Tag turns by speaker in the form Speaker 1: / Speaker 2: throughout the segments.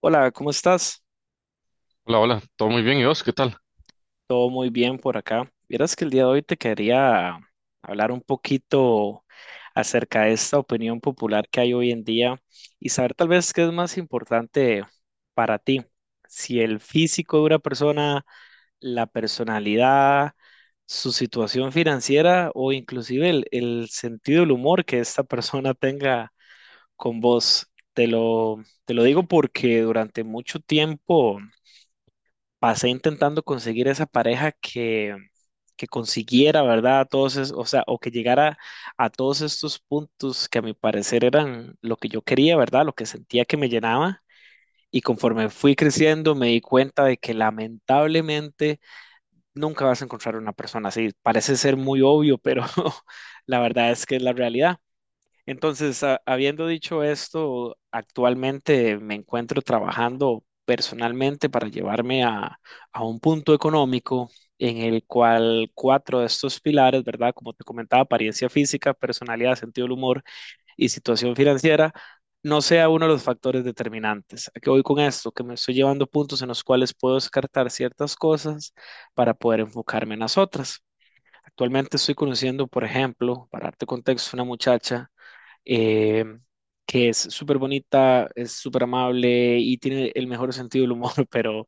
Speaker 1: Hola, ¿cómo estás?
Speaker 2: Hola, hola, todo muy bien, ¿y vos qué tal?
Speaker 1: Todo muy bien por acá. Vieras que el día de hoy te quería hablar un poquito acerca de esta opinión popular que hay hoy en día y saber tal vez qué es más importante para ti, si el físico de una persona, la personalidad, su situación financiera o inclusive el sentido del humor que esta persona tenga con vos. Te lo digo porque durante mucho tiempo pasé intentando conseguir esa pareja que consiguiera, ¿verdad? O sea, o que llegara a todos estos puntos que a mi parecer eran lo que yo quería, ¿verdad? Lo que sentía que me llenaba. Y conforme fui creciendo, me di cuenta de que lamentablemente nunca vas a encontrar una persona así. Parece ser muy obvio, pero la verdad es que es la realidad. Entonces, habiendo dicho esto, actualmente me encuentro trabajando personalmente para llevarme a un punto económico en el cual cuatro de estos pilares, ¿verdad? Como te comentaba, apariencia física, personalidad, sentido del humor y situación financiera, no sea uno de los factores determinantes. ¿A qué voy con esto? Que me estoy llevando puntos en los cuales puedo descartar ciertas cosas para poder enfocarme en las otras. Actualmente estoy conociendo, por ejemplo, para darte contexto, una muchacha eh, que es súper bonita, es súper amable y tiene el mejor sentido del humor, pero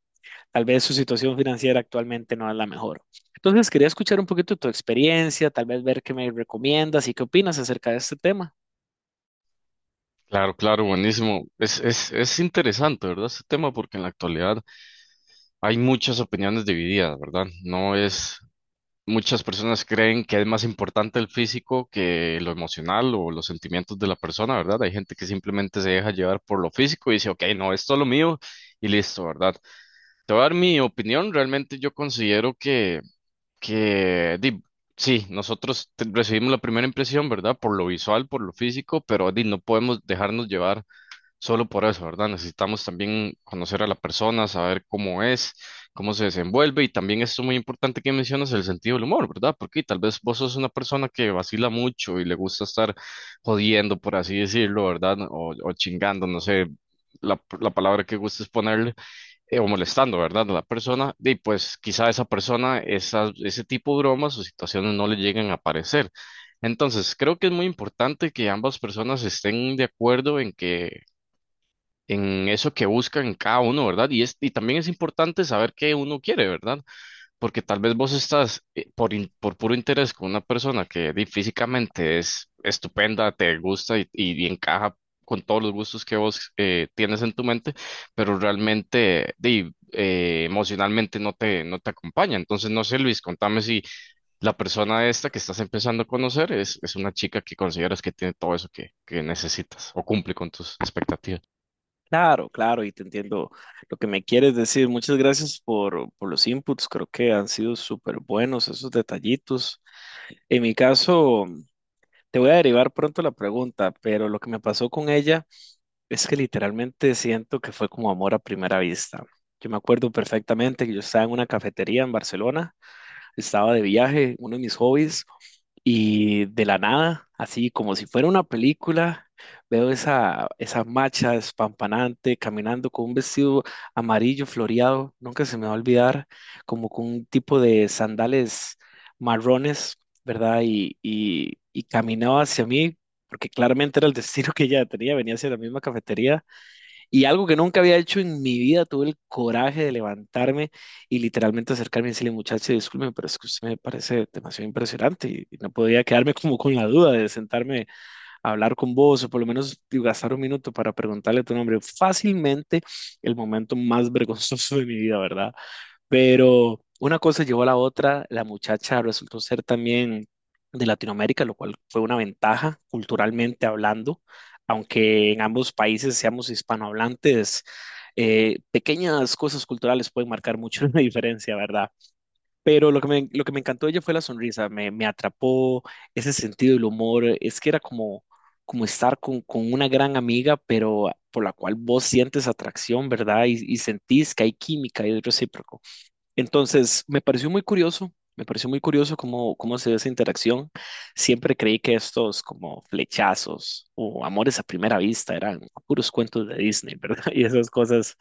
Speaker 1: tal vez su situación financiera actualmente no es la mejor. Entonces, quería escuchar un poquito tu experiencia, tal vez ver qué me recomiendas y qué opinas acerca de este tema.
Speaker 2: Claro, claro, buenísimo. Es interesante, ¿verdad? Este tema porque en la actualidad hay muchas opiniones divididas, ¿verdad? No es, muchas personas creen que es más importante el físico que lo emocional o los sentimientos de la persona, ¿verdad? Hay gente que simplemente se deja llevar por lo físico y dice, ok, no, esto es lo mío y listo, ¿verdad? Te voy a dar mi opinión, realmente yo considero que que di, sí, recibimos la primera impresión, ¿verdad? Por lo visual, por lo físico, pero di, no podemos dejarnos llevar solo por eso, ¿verdad? Necesitamos también conocer a la persona, saber cómo es, cómo se desenvuelve y también esto muy importante que mencionas, el sentido del humor, ¿verdad? Porque tal vez vos sos una persona que vacila mucho y le gusta estar jodiendo, por así decirlo, ¿verdad? O chingando, no sé. La palabra que gustes ponerle, o molestando, ¿verdad? A la persona, y pues quizá esa persona, ese tipo de bromas o situaciones no le lleguen a aparecer. Entonces, creo que es muy importante que ambas personas estén de acuerdo en que en eso que buscan cada uno, ¿verdad? Y también es importante saber qué uno quiere, ¿verdad? Porque tal vez vos estás por puro interés con una persona que di, físicamente es estupenda, te gusta y encaja con todos los gustos que vos tienes en tu mente, pero realmente di, emocionalmente no te acompaña. Entonces, no sé, Luis, contame si la persona esta que estás empezando a conocer es una chica que consideras que tiene todo eso que necesitas o cumple con tus expectativas.
Speaker 1: Claro, claro, y te entiendo lo que me quieres decir. Muchas gracias por los inputs, creo que han sido súper buenos esos detallitos. En mi caso, te voy a derivar pronto la pregunta, pero lo que me pasó con ella es que literalmente siento que fue como amor a primera vista. Yo me acuerdo perfectamente que yo estaba en una cafetería en Barcelona, estaba de viaje, uno de mis hobbies, y de la nada, así como si fuera una película, veo esa macha despampanante caminando con un vestido amarillo floreado, nunca se me va a olvidar, como con un tipo de sandales marrones, ¿verdad? Y, y caminaba hacia mí, porque claramente era el destino que ella tenía, venía hacia la misma cafetería. Y algo que nunca había hecho en mi vida, tuve el coraje de levantarme y literalmente acercarme y decirle, muchacho, disculpe, pero es que usted me parece demasiado impresionante y no podía quedarme como con la duda de sentarme a hablar con vos o por lo menos digo, gastar 1 minuto para preguntarle tu nombre. Fácilmente el momento más vergonzoso de mi vida, ¿verdad? Pero una cosa llevó a la otra, la muchacha resultó ser también de Latinoamérica, lo cual fue una ventaja culturalmente hablando, aunque en ambos países seamos hispanohablantes, pequeñas cosas culturales pueden marcar mucho la diferencia, ¿verdad? Pero lo que me encantó de ella fue la sonrisa, me atrapó ese sentido del humor, es que era como, como estar con una gran amiga, pero por la cual vos sientes atracción, ¿verdad? Y sentís que hay química y es recíproco. Entonces, me pareció muy curioso cómo, cómo se ve esa interacción. Siempre creí que estos como flechazos o amores a primera vista eran puros cuentos de Disney, ¿verdad? Y esas cosas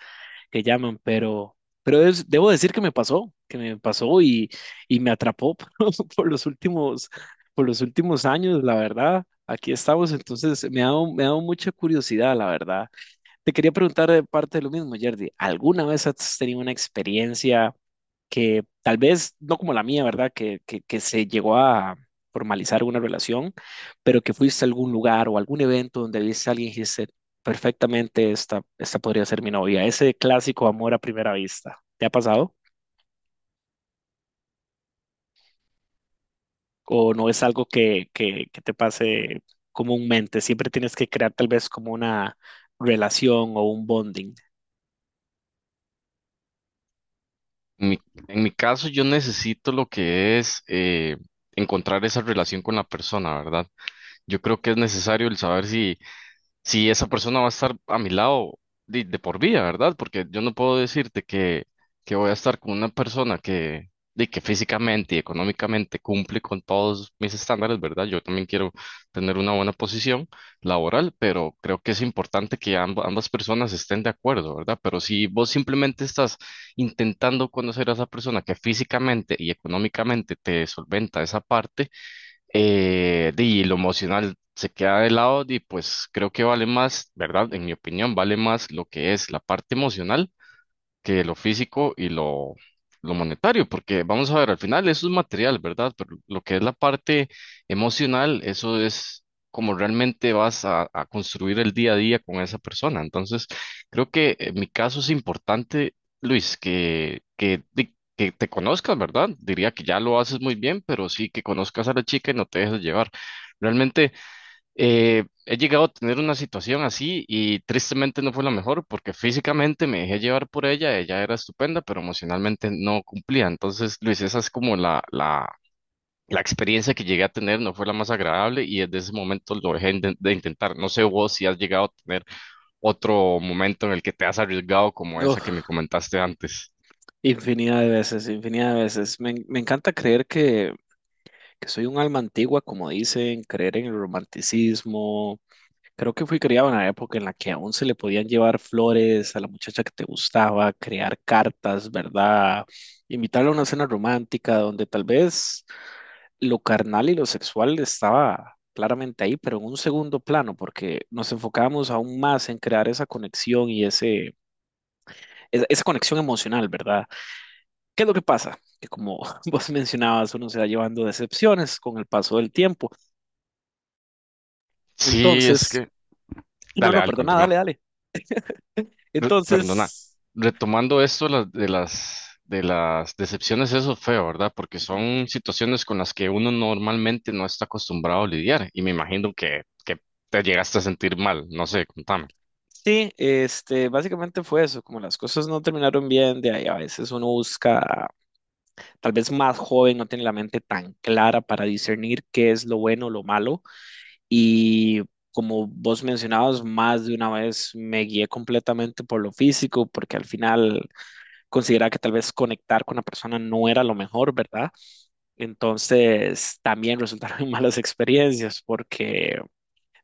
Speaker 1: que llaman, pero, debo decir que me pasó y me atrapó por los últimos, por los últimos años, la verdad. Aquí estamos, entonces me ha dado mucha curiosidad, la verdad. Te quería preguntar de parte de lo mismo, Jerdy, ¿alguna vez has tenido una experiencia? Que tal vez no como la mía, ¿verdad? Que se llegó a formalizar una relación, pero que fuiste a algún lugar o algún evento donde viste a alguien y dijiste, perfectamente, esta podría ser mi novia. Ese clásico amor a primera vista, ¿te ha pasado? ¿O no es algo que te pase comúnmente? Siempre tienes que crear tal vez como una relación o un bonding.
Speaker 2: En mi, en mi caso, yo necesito lo que es encontrar esa relación con la persona, ¿verdad? Yo creo que es necesario el saber si esa persona va a estar a mi lado de por vida, ¿verdad? Porque yo no puedo decirte que voy a estar con una persona que, de que físicamente y económicamente cumple con todos mis estándares, ¿verdad? Yo también quiero tener una buena posición laboral, pero creo que es importante que ambas personas estén de acuerdo, ¿verdad? Pero si vos simplemente estás intentando conocer a esa persona que físicamente y económicamente te solventa esa parte, y lo emocional se queda de lado y pues creo que vale más, ¿verdad? En mi opinión, vale más lo que es la parte emocional que lo físico y lo monetario, porque vamos a ver, al final eso es material, ¿verdad? Pero lo que es la parte emocional, eso es como realmente vas a construir el día a día con esa persona. Entonces, creo que en mi caso es importante, Luis, que te conozcas, ¿verdad? Diría que ya lo haces muy bien, pero sí que conozcas a la chica y no te dejes llevar. Realmente... he llegado a tener una situación así y tristemente no fue la mejor porque físicamente me dejé llevar por ella, ella era estupenda, pero emocionalmente no cumplía. Entonces, Luis, esa es como la experiencia que llegué a tener, no fue la más agradable y desde ese momento lo dejé de intentar. No sé vos si has llegado a tener otro momento en el que te has arriesgado como esa que
Speaker 1: Uf,
Speaker 2: me comentaste antes.
Speaker 1: infinidad de veces, infinidad de veces. Me encanta creer que soy un alma antigua, como dicen, creer en el romanticismo. Creo que fui criado en una época en la que aún se le podían llevar flores a la muchacha que te gustaba, crear cartas, ¿verdad? Invitarla a una cena romántica donde tal vez lo carnal y lo sexual estaba claramente ahí, pero en un segundo plano, porque nos enfocábamos aún más en crear esa conexión y esa conexión emocional, ¿verdad? ¿Qué es lo que pasa? Que como vos mencionabas, uno se va llevando decepciones con el paso del tiempo.
Speaker 2: Sí, es
Speaker 1: Entonces,
Speaker 2: que...
Speaker 1: no,
Speaker 2: Dale,
Speaker 1: no,
Speaker 2: dale,
Speaker 1: perdona,
Speaker 2: continúa.
Speaker 1: dale, dale.
Speaker 2: Perdona,
Speaker 1: Entonces,
Speaker 2: retomando esto de de las decepciones, eso es feo, ¿verdad? Porque
Speaker 1: ujú,
Speaker 2: son situaciones con las que uno normalmente no está acostumbrado a lidiar y me imagino que te llegaste a sentir mal, no sé, contame.
Speaker 1: sí, este, básicamente fue eso, como las cosas no terminaron bien, de ahí a veces uno busca, tal vez más joven, no tiene la mente tan clara para discernir qué es lo bueno, lo malo, y como vos mencionabas, más de una vez me guié completamente por lo físico, porque al final consideraba que tal vez conectar con la persona no era lo mejor, ¿verdad? Entonces, también resultaron malas experiencias, porque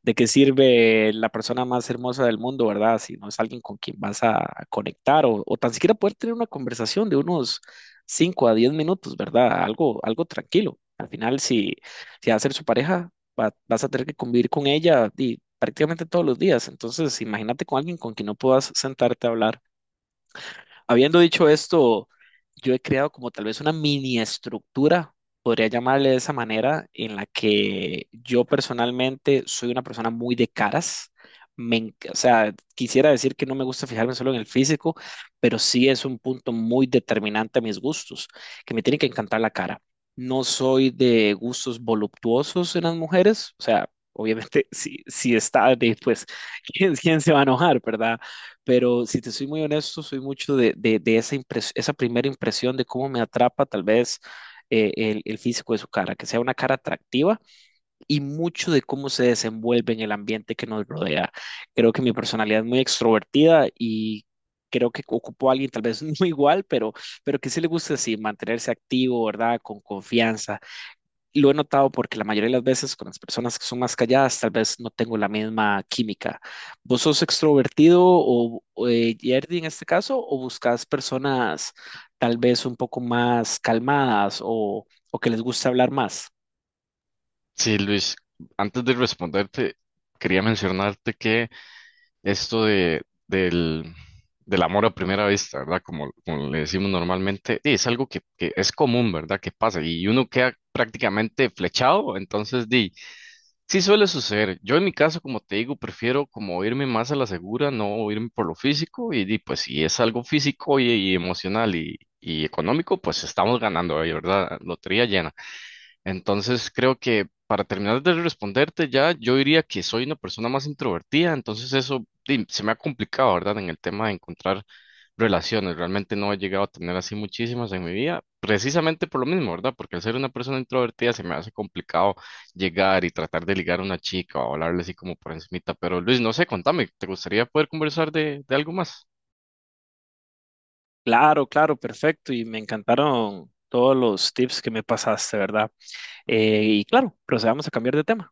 Speaker 1: ¿de qué sirve la persona más hermosa del mundo, verdad? Si no es alguien con quien vas a conectar o tan siquiera poder tener una conversación de unos 5 a 10 minutos, ¿verdad? Algo, algo tranquilo. Al final, si va a ser su pareja, vas a tener que convivir con ella y prácticamente todos los días. Entonces, imagínate con alguien con quien no puedas sentarte a hablar. Habiendo dicho esto, yo he creado como tal vez una mini estructura, podría llamarle de esa manera, en la que yo personalmente soy una persona muy de caras. O sea, quisiera decir que no me gusta fijarme solo en el físico, pero sí es un punto muy determinante a mis gustos, que me tiene que encantar la cara. No soy de gustos voluptuosos en las mujeres, o sea, obviamente si está, de, pues, ¿quién, quién se va a enojar, verdad? Pero si te soy muy honesto, soy mucho de esa, esa primera impresión de cómo me atrapa tal vez el físico de su cara, que sea una cara atractiva y mucho de cómo se desenvuelve en el ambiente que nos rodea. Creo que mi personalidad es muy extrovertida y creo que ocupo a alguien tal vez no igual, pero que sí le gusta así, mantenerse activo, ¿verdad? Con confianza lo he notado porque la mayoría de las veces con las personas que son más calladas, tal vez no tengo la misma química. ¿Vos sos extrovertido Yerdy en este caso, o buscas personas tal vez un poco más calmadas o que les gusta hablar más?
Speaker 2: Sí, Luis, antes de responderte, quería mencionarte que esto del amor a primera vista, ¿verdad? Como, como le decimos normalmente, sí, es algo que es común, ¿verdad? Que pasa y uno queda prácticamente flechado, entonces, di. Sí suele suceder. Yo en mi caso, como te digo, prefiero como irme más a la segura, no irme por lo físico y, di, pues si es algo físico y emocional y económico, pues estamos ganando, ahí, ¿verdad? Lotería llena. Entonces creo que para terminar de responderte ya, yo diría que soy una persona más introvertida, entonces eso di, se me ha complicado, ¿verdad? En el tema de encontrar relaciones, realmente no he llegado a tener así muchísimas en mi vida, precisamente por lo mismo, ¿verdad? Porque al ser una persona introvertida se me hace complicado llegar y tratar de ligar a una chica o hablarle así como por encimita, pero Luis, no sé, contame, ¿te gustaría poder conversar de algo más?
Speaker 1: Claro, claro, perfecto. Y me encantaron todos los tips que me pasaste, ¿verdad? Y claro, procedamos a cambiar de tema.